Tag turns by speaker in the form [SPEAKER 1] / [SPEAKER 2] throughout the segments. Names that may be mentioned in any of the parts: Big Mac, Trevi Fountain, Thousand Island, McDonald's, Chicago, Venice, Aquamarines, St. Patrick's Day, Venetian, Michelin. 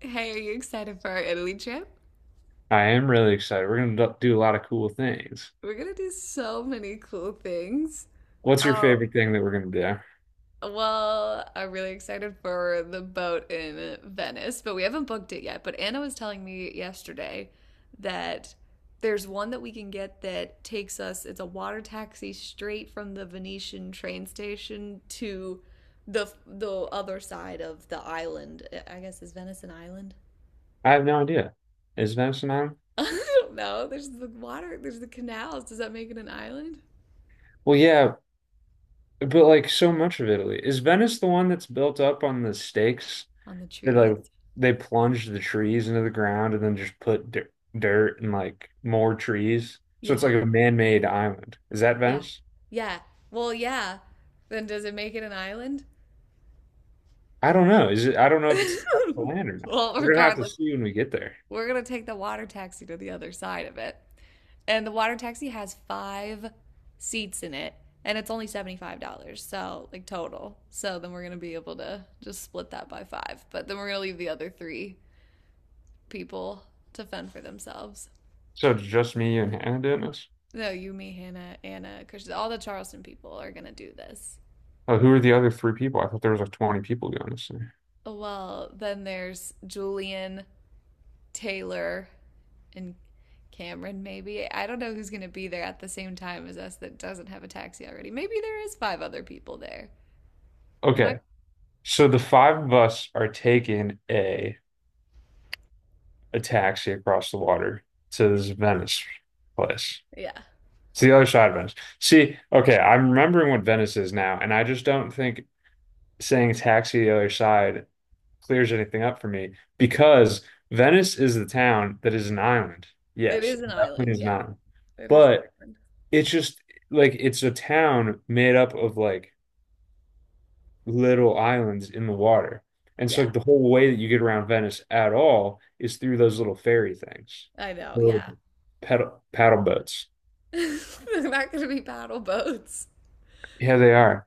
[SPEAKER 1] Hey, are you excited for our Italy trip?
[SPEAKER 2] I am really excited. We're gonna do a lot of cool things.
[SPEAKER 1] We're gonna do so many cool things.
[SPEAKER 2] What's your
[SPEAKER 1] Oh,
[SPEAKER 2] favorite thing that we're gonna do?
[SPEAKER 1] well, I'm really excited for the boat in Venice, but we haven't booked it yet. But Anna was telling me yesterday that there's one that we can get that takes us, it's a water taxi straight from the Venetian train station to the other side of the island. I guess is Venice an island?
[SPEAKER 2] I have no idea. Is Venice an island?
[SPEAKER 1] I don't know. There's the water, there's the canals. Does that make it an island?
[SPEAKER 2] Well, yeah, but like so much of Italy. Is Venice the one that's built up on the stakes
[SPEAKER 1] On the
[SPEAKER 2] that like
[SPEAKER 1] trees.
[SPEAKER 2] they plunged the trees into the ground and then just put dirt and like more trees? So it's
[SPEAKER 1] Yeah,
[SPEAKER 2] like a man-made island. Is that
[SPEAKER 1] yeah,
[SPEAKER 2] Venice?
[SPEAKER 1] yeah. Well, yeah. Then does it make it an island?
[SPEAKER 2] I don't know. Is it? I don't know if it's attached to land or not.
[SPEAKER 1] Well,
[SPEAKER 2] We're gonna have to
[SPEAKER 1] regardless,
[SPEAKER 2] see when we get there.
[SPEAKER 1] we're gonna take the water taxi to the other side of it. And the water taxi has five seats in it, and it's only $75, so like total. So then we're gonna be able to just split that by five. But then we're gonna leave the other three people to fend for themselves.
[SPEAKER 2] So it's just me, you, and Hannah doing this?
[SPEAKER 1] No, you, me, Hannah, Anna, Christian, all the Charleston people are gonna do this.
[SPEAKER 2] Oh, who are the other three people? I thought there was like 20 people going this thing.
[SPEAKER 1] Well, then there's Julian, Taylor, and Cameron, maybe. I don't know who's going to be there at the same time as us that doesn't have a taxi already. Maybe there is five other people there. It might,
[SPEAKER 2] Okay. So the five of us are taking a taxi across the water to this Venice place.
[SPEAKER 1] yeah.
[SPEAKER 2] It's the other side of Venice. See, okay, I'm remembering what Venice is now, and I just don't think saying taxi the other side clears anything up for me because Venice is the town that is an island.
[SPEAKER 1] It
[SPEAKER 2] Yes,
[SPEAKER 1] is
[SPEAKER 2] it
[SPEAKER 1] an
[SPEAKER 2] definitely
[SPEAKER 1] island.
[SPEAKER 2] is
[SPEAKER 1] Yeah.
[SPEAKER 2] not.
[SPEAKER 1] It is an
[SPEAKER 2] But
[SPEAKER 1] island.
[SPEAKER 2] it's just like it's a town made up of like little islands in the water. And so
[SPEAKER 1] Yeah.
[SPEAKER 2] like, the whole way that you get around Venice at all is through those little ferry things.
[SPEAKER 1] I know. Yeah.
[SPEAKER 2] Little paddle boats.
[SPEAKER 1] They're not going to be paddle boats.
[SPEAKER 2] Yeah, they are.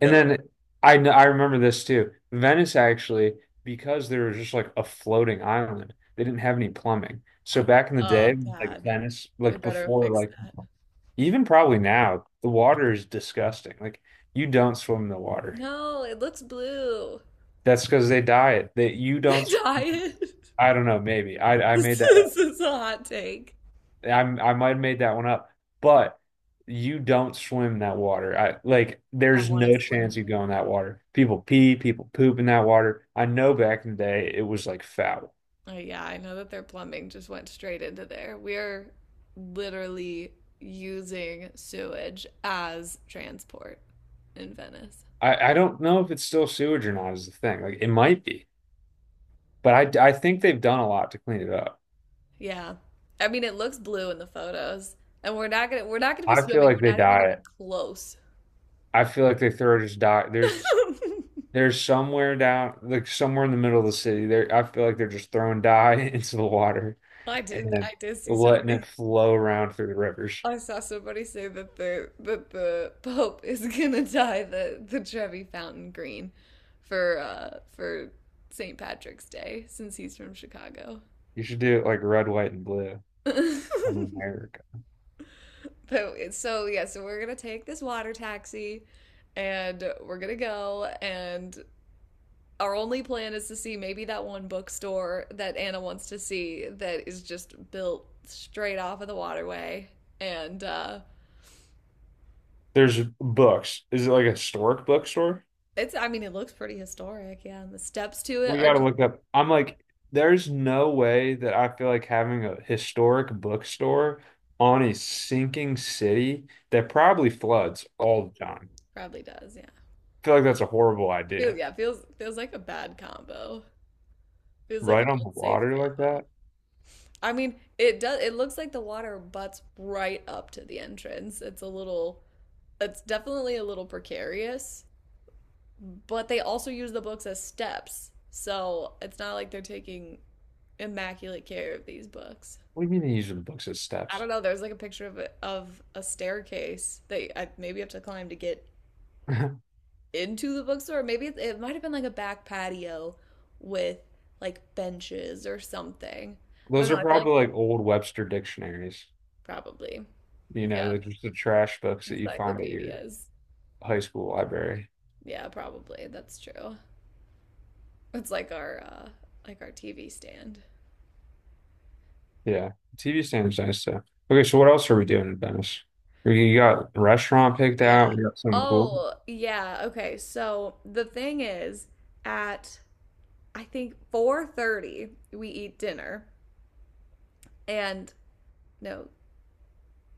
[SPEAKER 2] And
[SPEAKER 1] No.
[SPEAKER 2] then I remember this too. Venice actually, because they were just like a floating island, they didn't have any plumbing. So back in the
[SPEAKER 1] Oh,
[SPEAKER 2] day, like
[SPEAKER 1] God.
[SPEAKER 2] Venice,
[SPEAKER 1] They
[SPEAKER 2] like
[SPEAKER 1] better
[SPEAKER 2] before,
[SPEAKER 1] fix
[SPEAKER 2] like
[SPEAKER 1] that.
[SPEAKER 2] even probably now, the water is disgusting. Like you don't swim in the water.
[SPEAKER 1] No, it looks blue.
[SPEAKER 2] That's because they diet. That you
[SPEAKER 1] They
[SPEAKER 2] don't.
[SPEAKER 1] dye it.
[SPEAKER 2] I don't know. Maybe I
[SPEAKER 1] This
[SPEAKER 2] made that.
[SPEAKER 1] is, this is a hot take.
[SPEAKER 2] I might have made that one up, but you don't swim in that water. I like
[SPEAKER 1] I
[SPEAKER 2] there's
[SPEAKER 1] want to
[SPEAKER 2] no
[SPEAKER 1] swim
[SPEAKER 2] chance
[SPEAKER 1] in
[SPEAKER 2] you
[SPEAKER 1] it.
[SPEAKER 2] go in that water. People pee, people poop in that water. I know back in the day it was like foul.
[SPEAKER 1] Oh, yeah, I know that their plumbing just went straight into there. We're literally using sewage as transport in Venice.
[SPEAKER 2] I don't know if it's still sewage or not is the thing. Like it might be, but I think they've done a lot to clean it up.
[SPEAKER 1] Yeah. I mean, it looks blue in the photos, and we're not gonna be
[SPEAKER 2] I feel
[SPEAKER 1] swimming.
[SPEAKER 2] like
[SPEAKER 1] We're
[SPEAKER 2] they
[SPEAKER 1] not even gonna
[SPEAKER 2] dye
[SPEAKER 1] be
[SPEAKER 2] it.
[SPEAKER 1] close.
[SPEAKER 2] I feel like they throw just dye. There's there's somewhere down like somewhere in the middle of the city there. I feel like they're just throwing dye into the water
[SPEAKER 1] I did
[SPEAKER 2] and
[SPEAKER 1] I did see
[SPEAKER 2] letting it
[SPEAKER 1] somebody.
[SPEAKER 2] flow around through the rivers.
[SPEAKER 1] I saw somebody say that the Pope is gonna dye the Trevi Fountain green for for St. Patrick's Day since he's from Chicago.
[SPEAKER 2] You should do it like red, white, and blue
[SPEAKER 1] But
[SPEAKER 2] on America.
[SPEAKER 1] so, yeah, so we're gonna take this water taxi, and we're gonna go. And our only plan is to see maybe that one bookstore that Anna wants to see that is just built straight off of the waterway. And
[SPEAKER 2] There's books. Is it like a historic bookstore?
[SPEAKER 1] it's, I mean, it looks pretty historic. Yeah, and the steps to it
[SPEAKER 2] We
[SPEAKER 1] are
[SPEAKER 2] gotta
[SPEAKER 1] just
[SPEAKER 2] look up. I'm like, there's no way that I feel like having a historic bookstore on a sinking city that probably floods all the time.
[SPEAKER 1] probably does. Yeah,
[SPEAKER 2] I feel like that's a horrible
[SPEAKER 1] feels
[SPEAKER 2] idea.
[SPEAKER 1] yeah feels feels like a bad combo. Feels like an
[SPEAKER 2] Right on the
[SPEAKER 1] unsafe
[SPEAKER 2] water like
[SPEAKER 1] combo.
[SPEAKER 2] that?
[SPEAKER 1] I mean, it does. It looks like the water butts right up to the entrance. It's a little. It's definitely a little precarious, but they also use the books as steps, so it's not like they're taking immaculate care of these books.
[SPEAKER 2] What do you mean you use the books as
[SPEAKER 1] I
[SPEAKER 2] steps?
[SPEAKER 1] don't know. There's like a picture of a staircase that I maybe have to climb to get into the bookstore. Maybe it might have been like a back patio with like benches or something. I don't
[SPEAKER 2] Those
[SPEAKER 1] know.
[SPEAKER 2] are
[SPEAKER 1] I feel like
[SPEAKER 2] probably like old Webster dictionaries.
[SPEAKER 1] probably
[SPEAKER 2] You know,
[SPEAKER 1] yeah
[SPEAKER 2] they're just the trash books that you'd find at your
[SPEAKER 1] encyclopedias.
[SPEAKER 2] high school library.
[SPEAKER 1] Yeah, probably. That's true. It's like our TV stand.
[SPEAKER 2] Yeah, TV stand's nice though. Okay, so what else are we doing in Venice? You got a restaurant picked
[SPEAKER 1] Yeah.
[SPEAKER 2] out. We got something cool.
[SPEAKER 1] Oh, yeah. Okay. So the thing is at I think 4:30 we eat dinner and no,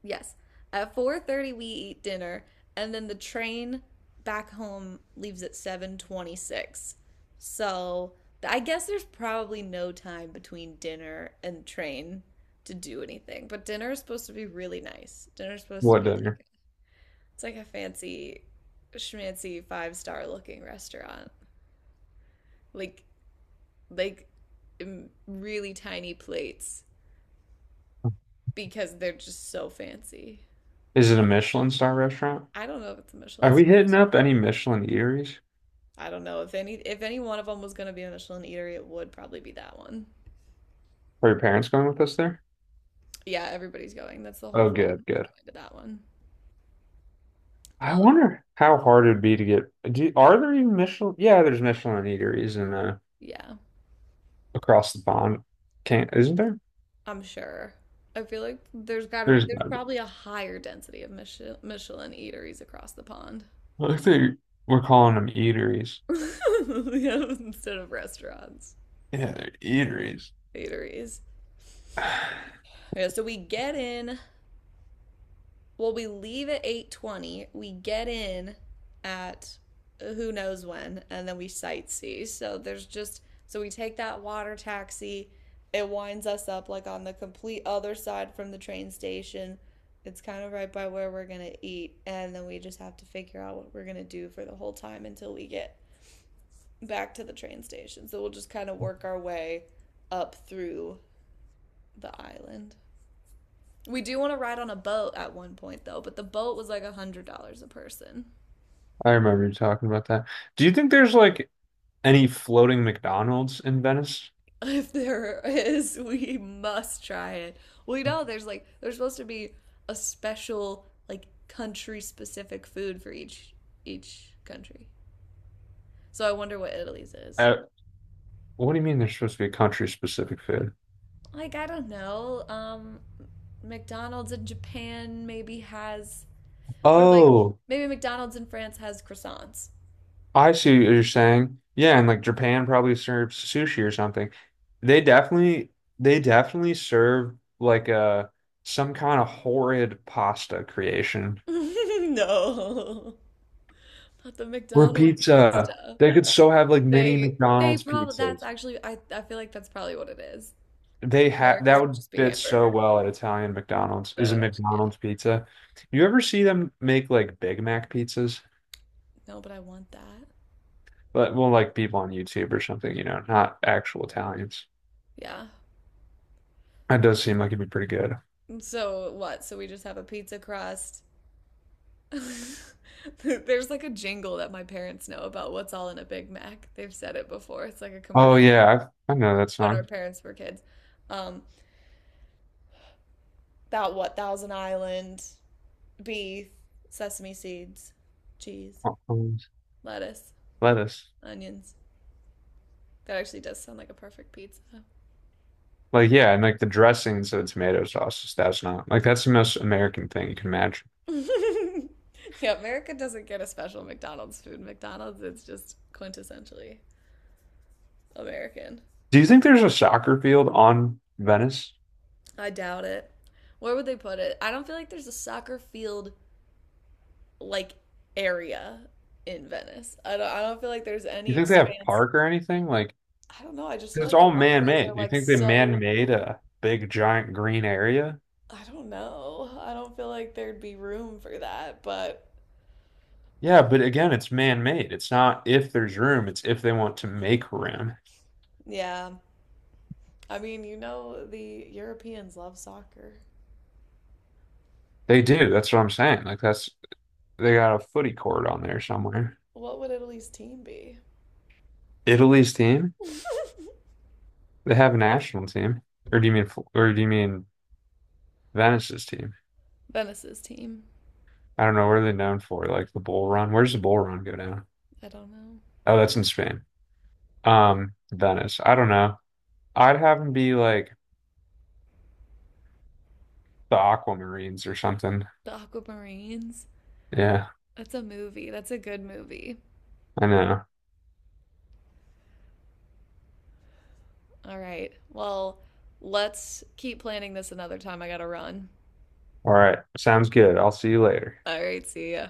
[SPEAKER 1] yes. At 4:30 we eat dinner and then the train back home leaves at 7:26. So, I guess there's probably no time between dinner and train to do anything. But dinner is supposed to be really nice. Dinner is supposed to
[SPEAKER 2] What
[SPEAKER 1] be
[SPEAKER 2] dinner?
[SPEAKER 1] like it's like a fancy schmancy five-star looking restaurant. Like like Really tiny plates because they're just so fancy.
[SPEAKER 2] Is it a Michelin star restaurant?
[SPEAKER 1] I don't know if it's a Michelin.
[SPEAKER 2] Are we hitting up any Michelin eateries?
[SPEAKER 1] I don't know if any one of them was gonna be a Michelin eatery, it would probably be that one.
[SPEAKER 2] Are your parents going with us there?
[SPEAKER 1] Yeah, everybody's going. That's the whole
[SPEAKER 2] Oh, good,
[SPEAKER 1] fam
[SPEAKER 2] good.
[SPEAKER 1] going to that one.
[SPEAKER 2] I
[SPEAKER 1] Um,
[SPEAKER 2] wonder how hard it'd be to get. Do, are there even Michelin? Yeah, there's Michelin eateries in
[SPEAKER 1] yeah,
[SPEAKER 2] across the pond. Can't, isn't there?
[SPEAKER 1] I'm sure. I feel like there's gotta
[SPEAKER 2] There's
[SPEAKER 1] there's
[SPEAKER 2] gotta be.
[SPEAKER 1] probably a higher density of Michelin eateries across the pond.
[SPEAKER 2] I think they we're calling them eateries.
[SPEAKER 1] Yeah, instead of restaurants,
[SPEAKER 2] Yeah, they're eateries.
[SPEAKER 1] eateries.
[SPEAKER 2] I
[SPEAKER 1] Yeah, so we get in. Well, we leave at 8:20. We get in at who knows when, and then we sightsee. So there's just so we take that water taxi. It winds us up like on the complete other side from the train station. It's kind of right by where we're going to eat, and then we just have to figure out what we're going to do for the whole time until we get back to the train station. So we'll just kind of work our way up through the island. We do want to ride on a boat at one point though, but the boat was like $100 a person.
[SPEAKER 2] remember you talking about that. Do you think there's like any floating McDonald's in Venice?
[SPEAKER 1] If there is, we must try it. We know there's like there's supposed to be a special like country specific food for each country. So I wonder what Italy's is.
[SPEAKER 2] Uh, what do you mean there's supposed to be a country-specific food?
[SPEAKER 1] Like I don't know. McDonald's in Japan maybe has or like
[SPEAKER 2] Oh,
[SPEAKER 1] maybe McDonald's in France has croissants.
[SPEAKER 2] I see what you're saying. Yeah, and like Japan probably serves sushi or something. They definitely they definitely serve like a some kind of horrid pasta creation.
[SPEAKER 1] No. Not the
[SPEAKER 2] Or
[SPEAKER 1] McDonald's
[SPEAKER 2] pizza.
[SPEAKER 1] pasta.
[SPEAKER 2] They could so have like mini
[SPEAKER 1] They they
[SPEAKER 2] McDonald's
[SPEAKER 1] probably that's
[SPEAKER 2] pizzas.
[SPEAKER 1] actually I feel like that's probably what it is.
[SPEAKER 2] They have that
[SPEAKER 1] America's would
[SPEAKER 2] would
[SPEAKER 1] just be
[SPEAKER 2] fit so
[SPEAKER 1] hamburger.
[SPEAKER 2] well at Italian McDonald's
[SPEAKER 1] That
[SPEAKER 2] is a
[SPEAKER 1] would actually yeah.
[SPEAKER 2] McDonald's pizza. You ever see them make like Big Mac pizzas?
[SPEAKER 1] No, but I want that.
[SPEAKER 2] But well, like people on YouTube or something, you know, not actual Italians.
[SPEAKER 1] Yeah.
[SPEAKER 2] That does seem like it'd be pretty good.
[SPEAKER 1] So what? So we just have a pizza crust. There's like a jingle that my parents know about what's all in a Big Mac. They've said it before. It's like a
[SPEAKER 2] Oh
[SPEAKER 1] commercial
[SPEAKER 2] yeah, I know that
[SPEAKER 1] when our
[SPEAKER 2] song.
[SPEAKER 1] parents were kids. Um, that what? Thousand Island, beef, sesame seeds, cheese,
[SPEAKER 2] Uh, Um,
[SPEAKER 1] lettuce,
[SPEAKER 2] lettuce.
[SPEAKER 1] onions. That actually does sound like a perfect pizza.
[SPEAKER 2] Like yeah, and like the dressings of the tomato sauce, that's not like that's the most American thing you can imagine.
[SPEAKER 1] Yeah, America doesn't get a special McDonald's food. McDonald's is just quintessentially American.
[SPEAKER 2] Do you think there's a soccer field on Venice?
[SPEAKER 1] I doubt it. Where would they put it? I don't feel like there's a soccer field like area in Venice. I don't feel like there's
[SPEAKER 2] You
[SPEAKER 1] any
[SPEAKER 2] think they have
[SPEAKER 1] expanse.
[SPEAKER 2] park or anything? Like,
[SPEAKER 1] I don't know. I just
[SPEAKER 2] 'cause
[SPEAKER 1] feel
[SPEAKER 2] it's
[SPEAKER 1] like the
[SPEAKER 2] all
[SPEAKER 1] waterways are
[SPEAKER 2] man-made. You
[SPEAKER 1] like
[SPEAKER 2] think they
[SPEAKER 1] so
[SPEAKER 2] man-made a big giant green area?
[SPEAKER 1] I don't know. I don't feel like there'd be room for that, but
[SPEAKER 2] Yeah, but again, it's man-made. It's not if there's room, it's if they want to make room.
[SPEAKER 1] yeah. I mean, you know the Europeans love soccer.
[SPEAKER 2] They do. That's what I'm saying. Like that's they got a footy court on there somewhere.
[SPEAKER 1] What would Italy's team be?
[SPEAKER 2] Italy's team, they have a national team. Or do you mean or do you mean Venice's team?
[SPEAKER 1] Venice's team.
[SPEAKER 2] I don't know. What are they known for? Like the Bull Run? Where's the Bull Run go down?
[SPEAKER 1] I don't know.
[SPEAKER 2] Oh, that's in Spain. Venice. I don't know. I'd have them be like the Aquamarines or something.
[SPEAKER 1] The Aquamarines.
[SPEAKER 2] Yeah,
[SPEAKER 1] That's a movie. That's a good movie.
[SPEAKER 2] I know.
[SPEAKER 1] All right. Well, let's keep planning this another time. I gotta run.
[SPEAKER 2] All right. Sounds good. I'll see you later.
[SPEAKER 1] All right. See ya.